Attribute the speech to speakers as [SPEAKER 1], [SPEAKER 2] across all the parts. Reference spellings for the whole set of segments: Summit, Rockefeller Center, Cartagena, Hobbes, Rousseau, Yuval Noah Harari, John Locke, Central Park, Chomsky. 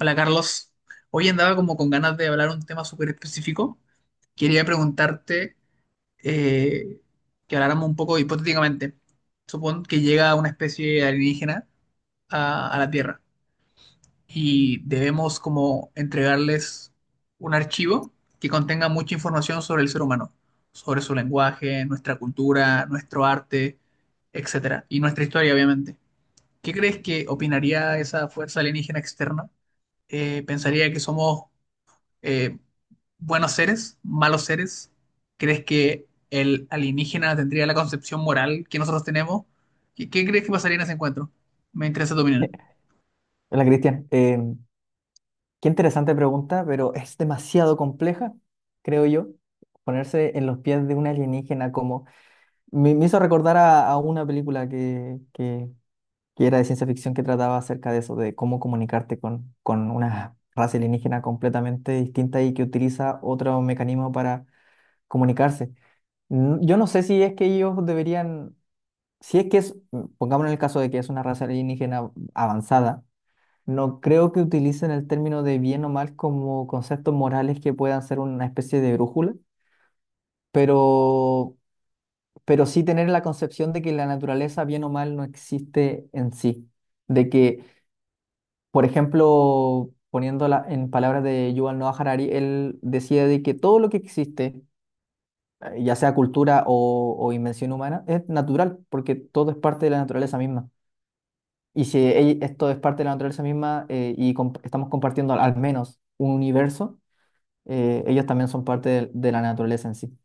[SPEAKER 1] Hola Carlos, hoy andaba como con ganas de hablar un tema súper específico. Quería preguntarte eh, que habláramos un poco hipotéticamente. Supón que llega una especie alienígena a la Tierra y debemos como entregarles un archivo que contenga mucha información sobre el ser humano, sobre su lenguaje, nuestra cultura, nuestro arte, etcétera, y nuestra historia, obviamente. ¿Qué crees que opinaría esa fuerza alienígena externa? ¿ ¿Pensaría que somos eh, buenos seres, malos seres? ¿Crees que el alienígena tendría la concepción moral que nosotros tenemos? ¿Qué crees que pasaría en ese encuentro? Me interesa tu opinión.
[SPEAKER 2] Hola, Cristian. Qué interesante pregunta, pero es demasiado compleja, creo yo, ponerse en los pies de un alienígena como... Me hizo recordar a una película que era de ciencia ficción, que trataba acerca de eso, de cómo comunicarte con una raza alienígena completamente distinta y que utiliza otro mecanismo para comunicarse. Yo no sé si es que ellos deberían, si es que es, pongamos en el caso de que es una raza alienígena avanzada. No creo que utilicen el término de bien o mal como conceptos morales que puedan ser una especie de brújula, pero, pero sí tener la concepción de que la naturaleza, bien o mal, no existe en sí. De que, por ejemplo, poniéndola en palabras de Yuval Noah Harari, él decía de que todo lo que existe, ya sea cultura o invención humana, es natural, porque todo es parte de la naturaleza misma. Y si esto es parte de la naturaleza misma, y estamos compartiendo al al menos un universo, ellos también son parte de la naturaleza en sí.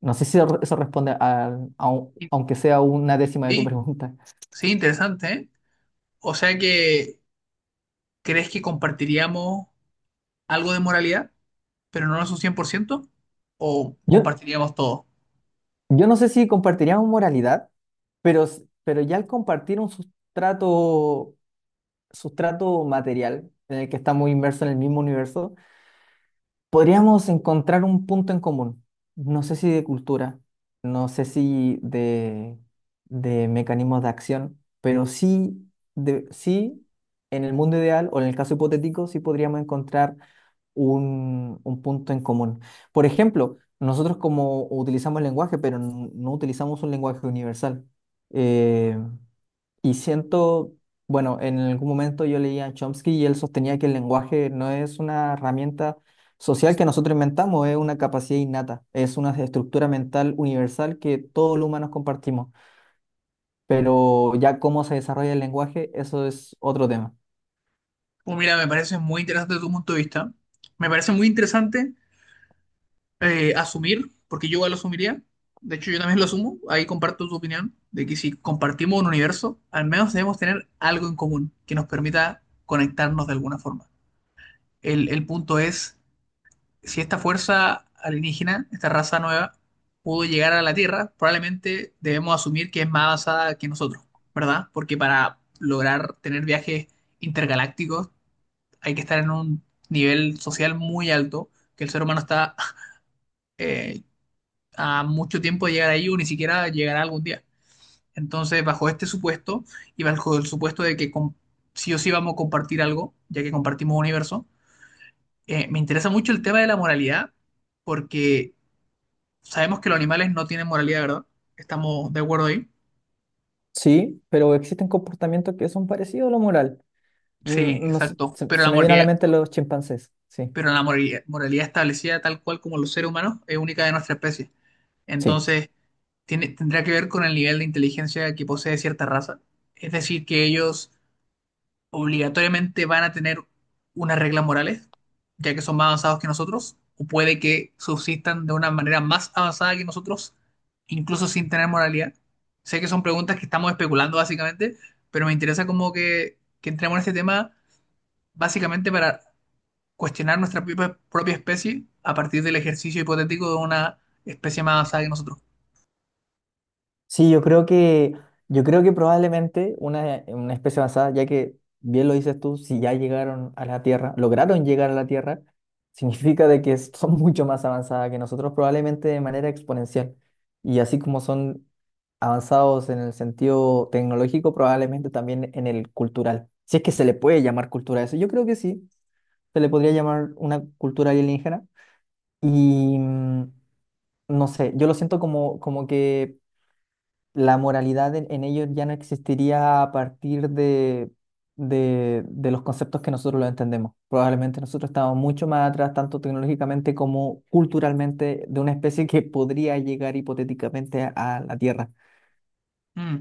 [SPEAKER 2] No sé si eso responde a
[SPEAKER 1] Y-
[SPEAKER 2] aunque sea una décima de tu
[SPEAKER 1] Sí,
[SPEAKER 2] pregunta.
[SPEAKER 1] sí, interesante, ¿eh? O sea que, ¿crees que compartiríamos algo de moralidad, pero no es un 100%, o
[SPEAKER 2] Yo,
[SPEAKER 1] compartiríamos todo?
[SPEAKER 2] yo no sé si compartiríamos moralidad, pero, pero ya al compartir un sustrato, sustrato material en el que estamos inmersos en el mismo universo, podríamos encontrar un punto en común. No sé si de cultura, no sé si de, de mecanismos de acción, pero sí, de, sí, en el mundo ideal o en el caso hipotético, sí podríamos encontrar un punto en común. Por ejemplo, nosotros como utilizamos el lenguaje, pero no utilizamos un lenguaje universal. eh, y siento, bueno, en algún momento yo leía a Chomsky y él sostenía que el lenguaje no es una herramienta social que nosotros inventamos, es una capacidad innata, es una estructura mental universal que todos los humanos compartimos. Pero ya cómo se desarrolla el lenguaje, eso es otro tema.
[SPEAKER 1] Pues mira, me parece muy interesante tu punto de vista. Me parece muy interesante asumir, porque yo igual lo asumiría. De hecho, yo también lo asumo. Ahí comparto tu opinión de que si compartimos un universo, al menos debemos tener algo en común que nos permita conectarnos de alguna forma. El punto es, si esta fuerza alienígena, esta raza nueva, pudo llegar a la Tierra, probablemente debemos asumir que es más avanzada que nosotros, ¿verdad? Porque para lograr tener viajes intergalácticos hay que estar en un nivel social muy alto que el ser humano está eh, a mucho tiempo de llegar ahí o ni siquiera llegará algún día. Entonces, bajo este supuesto y bajo el supuesto de que sí o sí vamos a compartir algo, ya que compartimos universo, me interesa mucho el tema de la moralidad porque sabemos que los animales no tienen moralidad, ¿verdad? Estamos de acuerdo ahí.
[SPEAKER 2] Sí, pero existen comportamientos que son parecidos a lo moral.
[SPEAKER 1] Sí,
[SPEAKER 2] Mm, no sé,
[SPEAKER 1] exacto.
[SPEAKER 2] se, se me viene a la mente los chimpancés, sí.
[SPEAKER 1] Pero la moralidad, moralidad establecida tal cual como los seres humanos es única de nuestra especie.
[SPEAKER 2] Sí.
[SPEAKER 1] Entonces, tendrá que ver con el nivel de inteligencia que posee cierta raza. Es decir, que ellos obligatoriamente van a tener unas reglas morales, ya que son más avanzados que nosotros, o puede que subsistan de una manera más avanzada que nosotros, incluso sin tener moralidad. Sé que son preguntas que estamos especulando básicamente, pero me interesa como que entremos en este tema básicamente para cuestionar nuestra propia especie a partir del ejercicio hipotético de una especie más avanzada que nosotros.
[SPEAKER 2] Sí, yo creo que probablemente una especie avanzada, ya que bien lo dices tú, si ya llegaron a la Tierra, lograron llegar a la Tierra, significa de que son mucho más avanzadas que nosotros, probablemente de manera exponencial. Y así como son avanzados en el sentido tecnológico, probablemente también en el cultural. Si es que se le puede llamar cultura a eso, yo creo que sí, se le podría llamar una cultura alienígena. Y mm, no sé, yo lo siento como, como que la moralidad en ellos ya no existiría a partir de los conceptos que nosotros lo entendemos. Probablemente nosotros estamos mucho más atrás, tanto tecnológicamente como culturalmente, de una especie que podría llegar hipotéticamente a la Tierra.
[SPEAKER 1] Mm.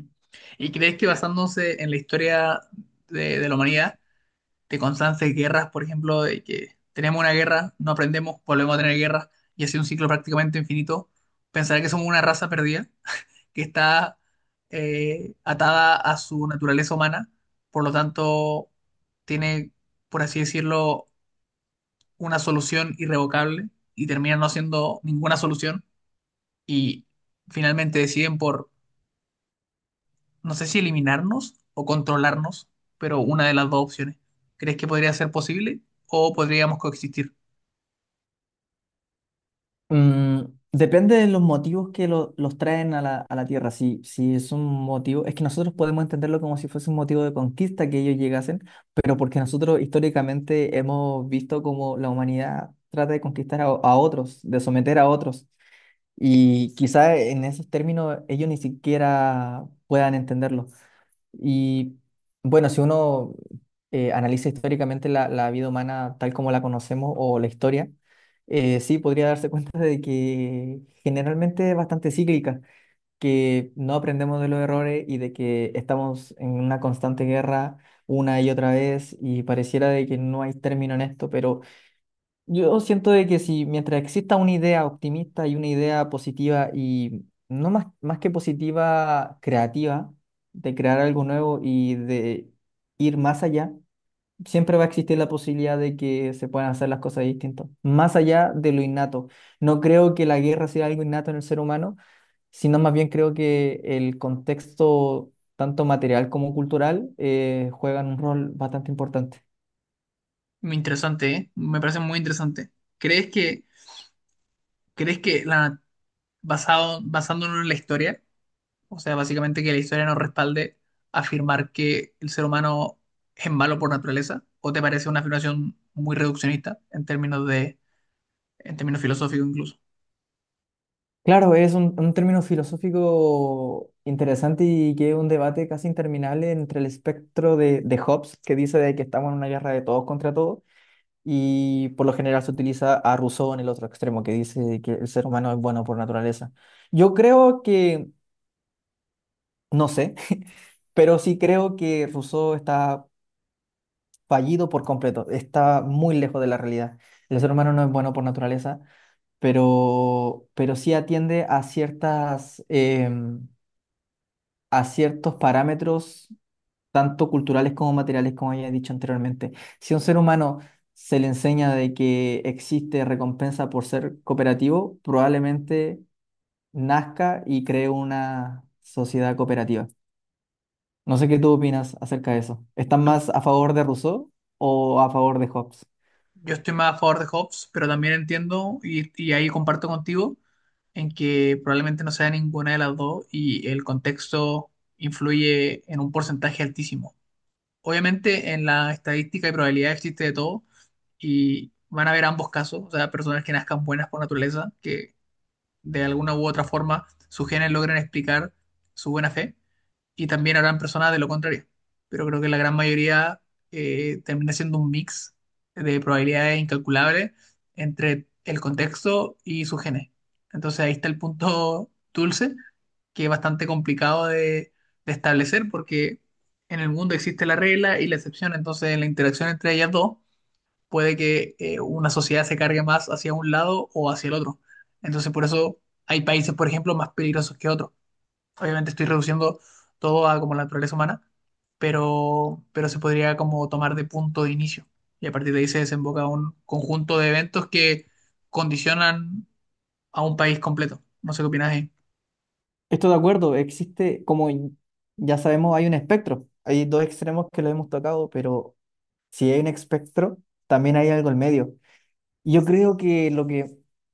[SPEAKER 1] ¿Y crees que basándose en la historia de la humanidad, de constantes guerras, por ejemplo, de que tenemos una guerra, no aprendemos, volvemos a tener guerras y así un ciclo prácticamente infinito, pensar que somos una raza perdida que está atada a su naturaleza humana, por lo tanto tiene, por así decirlo, una solución irrevocable y termina no siendo ninguna solución y finalmente deciden por, no sé si eliminarnos o controlarnos, pero una de las dos opciones? ¿Crees que podría ser posible o podríamos coexistir?
[SPEAKER 2] Mm, depende de los motivos que los traen a la Tierra. Si, si es un motivo, es que nosotros podemos entenderlo como si fuese un motivo de conquista que ellos llegasen, pero porque nosotros históricamente hemos visto cómo la humanidad trata de conquistar a otros, de someter a otros. Y quizá en esos términos ellos ni siquiera puedan entenderlo. Y bueno, si uno analiza históricamente la, la vida humana tal como la conocemos o la historia, sí podría darse cuenta de que generalmente es bastante cíclica, que no aprendemos de los errores y de que estamos en una constante guerra una y otra vez y pareciera de que no hay término en esto, pero yo siento de que si mientras exista una idea optimista y una idea positiva y no más, más que positiva, creativa, de crear algo nuevo y de ir más allá, siempre va a existir la posibilidad de que se puedan hacer las cosas distintas, más allá de lo innato. No creo que la guerra sea algo innato en el ser humano, sino más bien creo que el contexto, tanto material como cultural, juegan un rol bastante importante.
[SPEAKER 1] Muy interesante, ¿eh? Me parece muy interesante. ¿Crees que, crees que la, basándonos en la historia, o sea, básicamente que la historia nos respalde afirmar que el ser humano es malo por naturaleza? ¿O te parece una afirmación muy reduccionista en términos de, en términos filosóficos incluso?
[SPEAKER 2] Claro, es un término filosófico interesante y que es un debate casi interminable entre el espectro de Hobbes, que dice de que estamos en una guerra de todos contra todos, y por lo general se utiliza a Rousseau en el otro extremo, que dice que el ser humano es bueno por naturaleza. Yo creo que, no sé, pero sí creo que Rousseau está fallido por completo, está muy lejos de la realidad. El ser humano no es bueno por naturaleza, pero sí atiende a ciertas... a ciertos parámetros, tanto culturales como materiales, como ya he dicho anteriormente. Si a un ser humano se le enseña de que existe recompensa por ser cooperativo, probablemente nazca y cree una sociedad cooperativa. No sé qué tú opinas acerca de eso. ¿Estás más a favor de Rousseau o a favor de Hobbes?
[SPEAKER 1] Yo estoy más a favor de Hobbes, pero también entiendo y ahí comparto contigo en que probablemente no sea ninguna de las dos y el contexto influye en un porcentaje altísimo. Obviamente en la estadística y probabilidad existe de todo y van a haber ambos casos, o sea, personas que nazcan buenas por naturaleza, que de alguna u otra forma sus genes logran explicar su buena fe y también habrán personas de lo contrario. Pero creo que la gran mayoría termina siendo un mix de probabilidades incalculables entre el contexto y su genes. Entonces ahí está el punto dulce, que es bastante complicado de establecer porque en el mundo existe la regla y la excepción. Entonces en la interacción entre ellas dos puede que una sociedad se cargue más hacia un lado o hacia el otro. Entonces por eso hay países, por ejemplo, más peligrosos que otros. Obviamente estoy reduciendo todo a como la naturaleza humana, pero se podría como tomar de punto de inicio. Y a partir de ahí se desemboca un conjunto de eventos que condicionan a un país completo. No sé qué opinas ahí.
[SPEAKER 2] Estoy de acuerdo, existe, como ya sabemos, hay un espectro. Hay dos extremos que lo hemos tocado, pero si hay un espectro, también hay algo en medio. Yo creo que lo que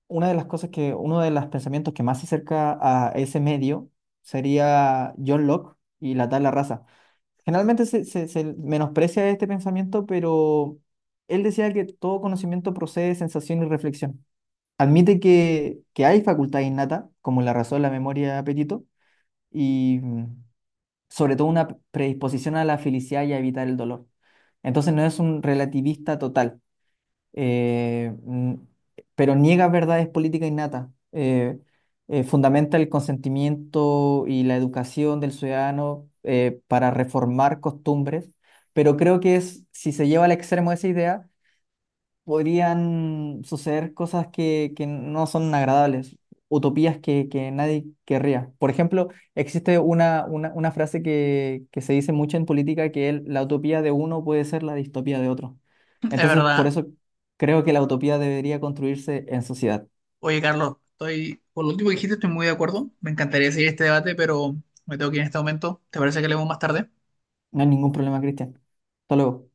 [SPEAKER 2] una de las cosas que uno de los pensamientos que más se acerca a ese medio sería John Locke y la tabla raza. Generalmente se menosprecia este pensamiento, pero él decía que todo conocimiento procede de sensación y reflexión. Admite que hay facultad innata, como la razón, la memoria y el apetito, y mm, sobre todo una predisposición a la felicidad y a evitar el dolor. Entonces no es un relativista total, eh, mm, pero niega verdades políticas innatas. Fundamenta el consentimiento y la educación del ciudadano para reformar costumbres, pero creo que es, si se lleva al extremo esa idea, podrían suceder cosas que no son agradables, utopías que nadie querría. Por ejemplo, existe una frase que se dice mucho en política, que la utopía de uno puede ser la distopía de otro.
[SPEAKER 1] Es
[SPEAKER 2] Entonces, por
[SPEAKER 1] verdad.
[SPEAKER 2] eso creo que la utopía debería construirse en sociedad.
[SPEAKER 1] Oye, Carlos, estoy, por lo último que dijiste, estoy muy de acuerdo. Me encantaría seguir este debate, pero me tengo que ir en este momento. ¿Te parece que leemos más tarde?
[SPEAKER 2] No hay ningún problema, Cristian. Hasta luego.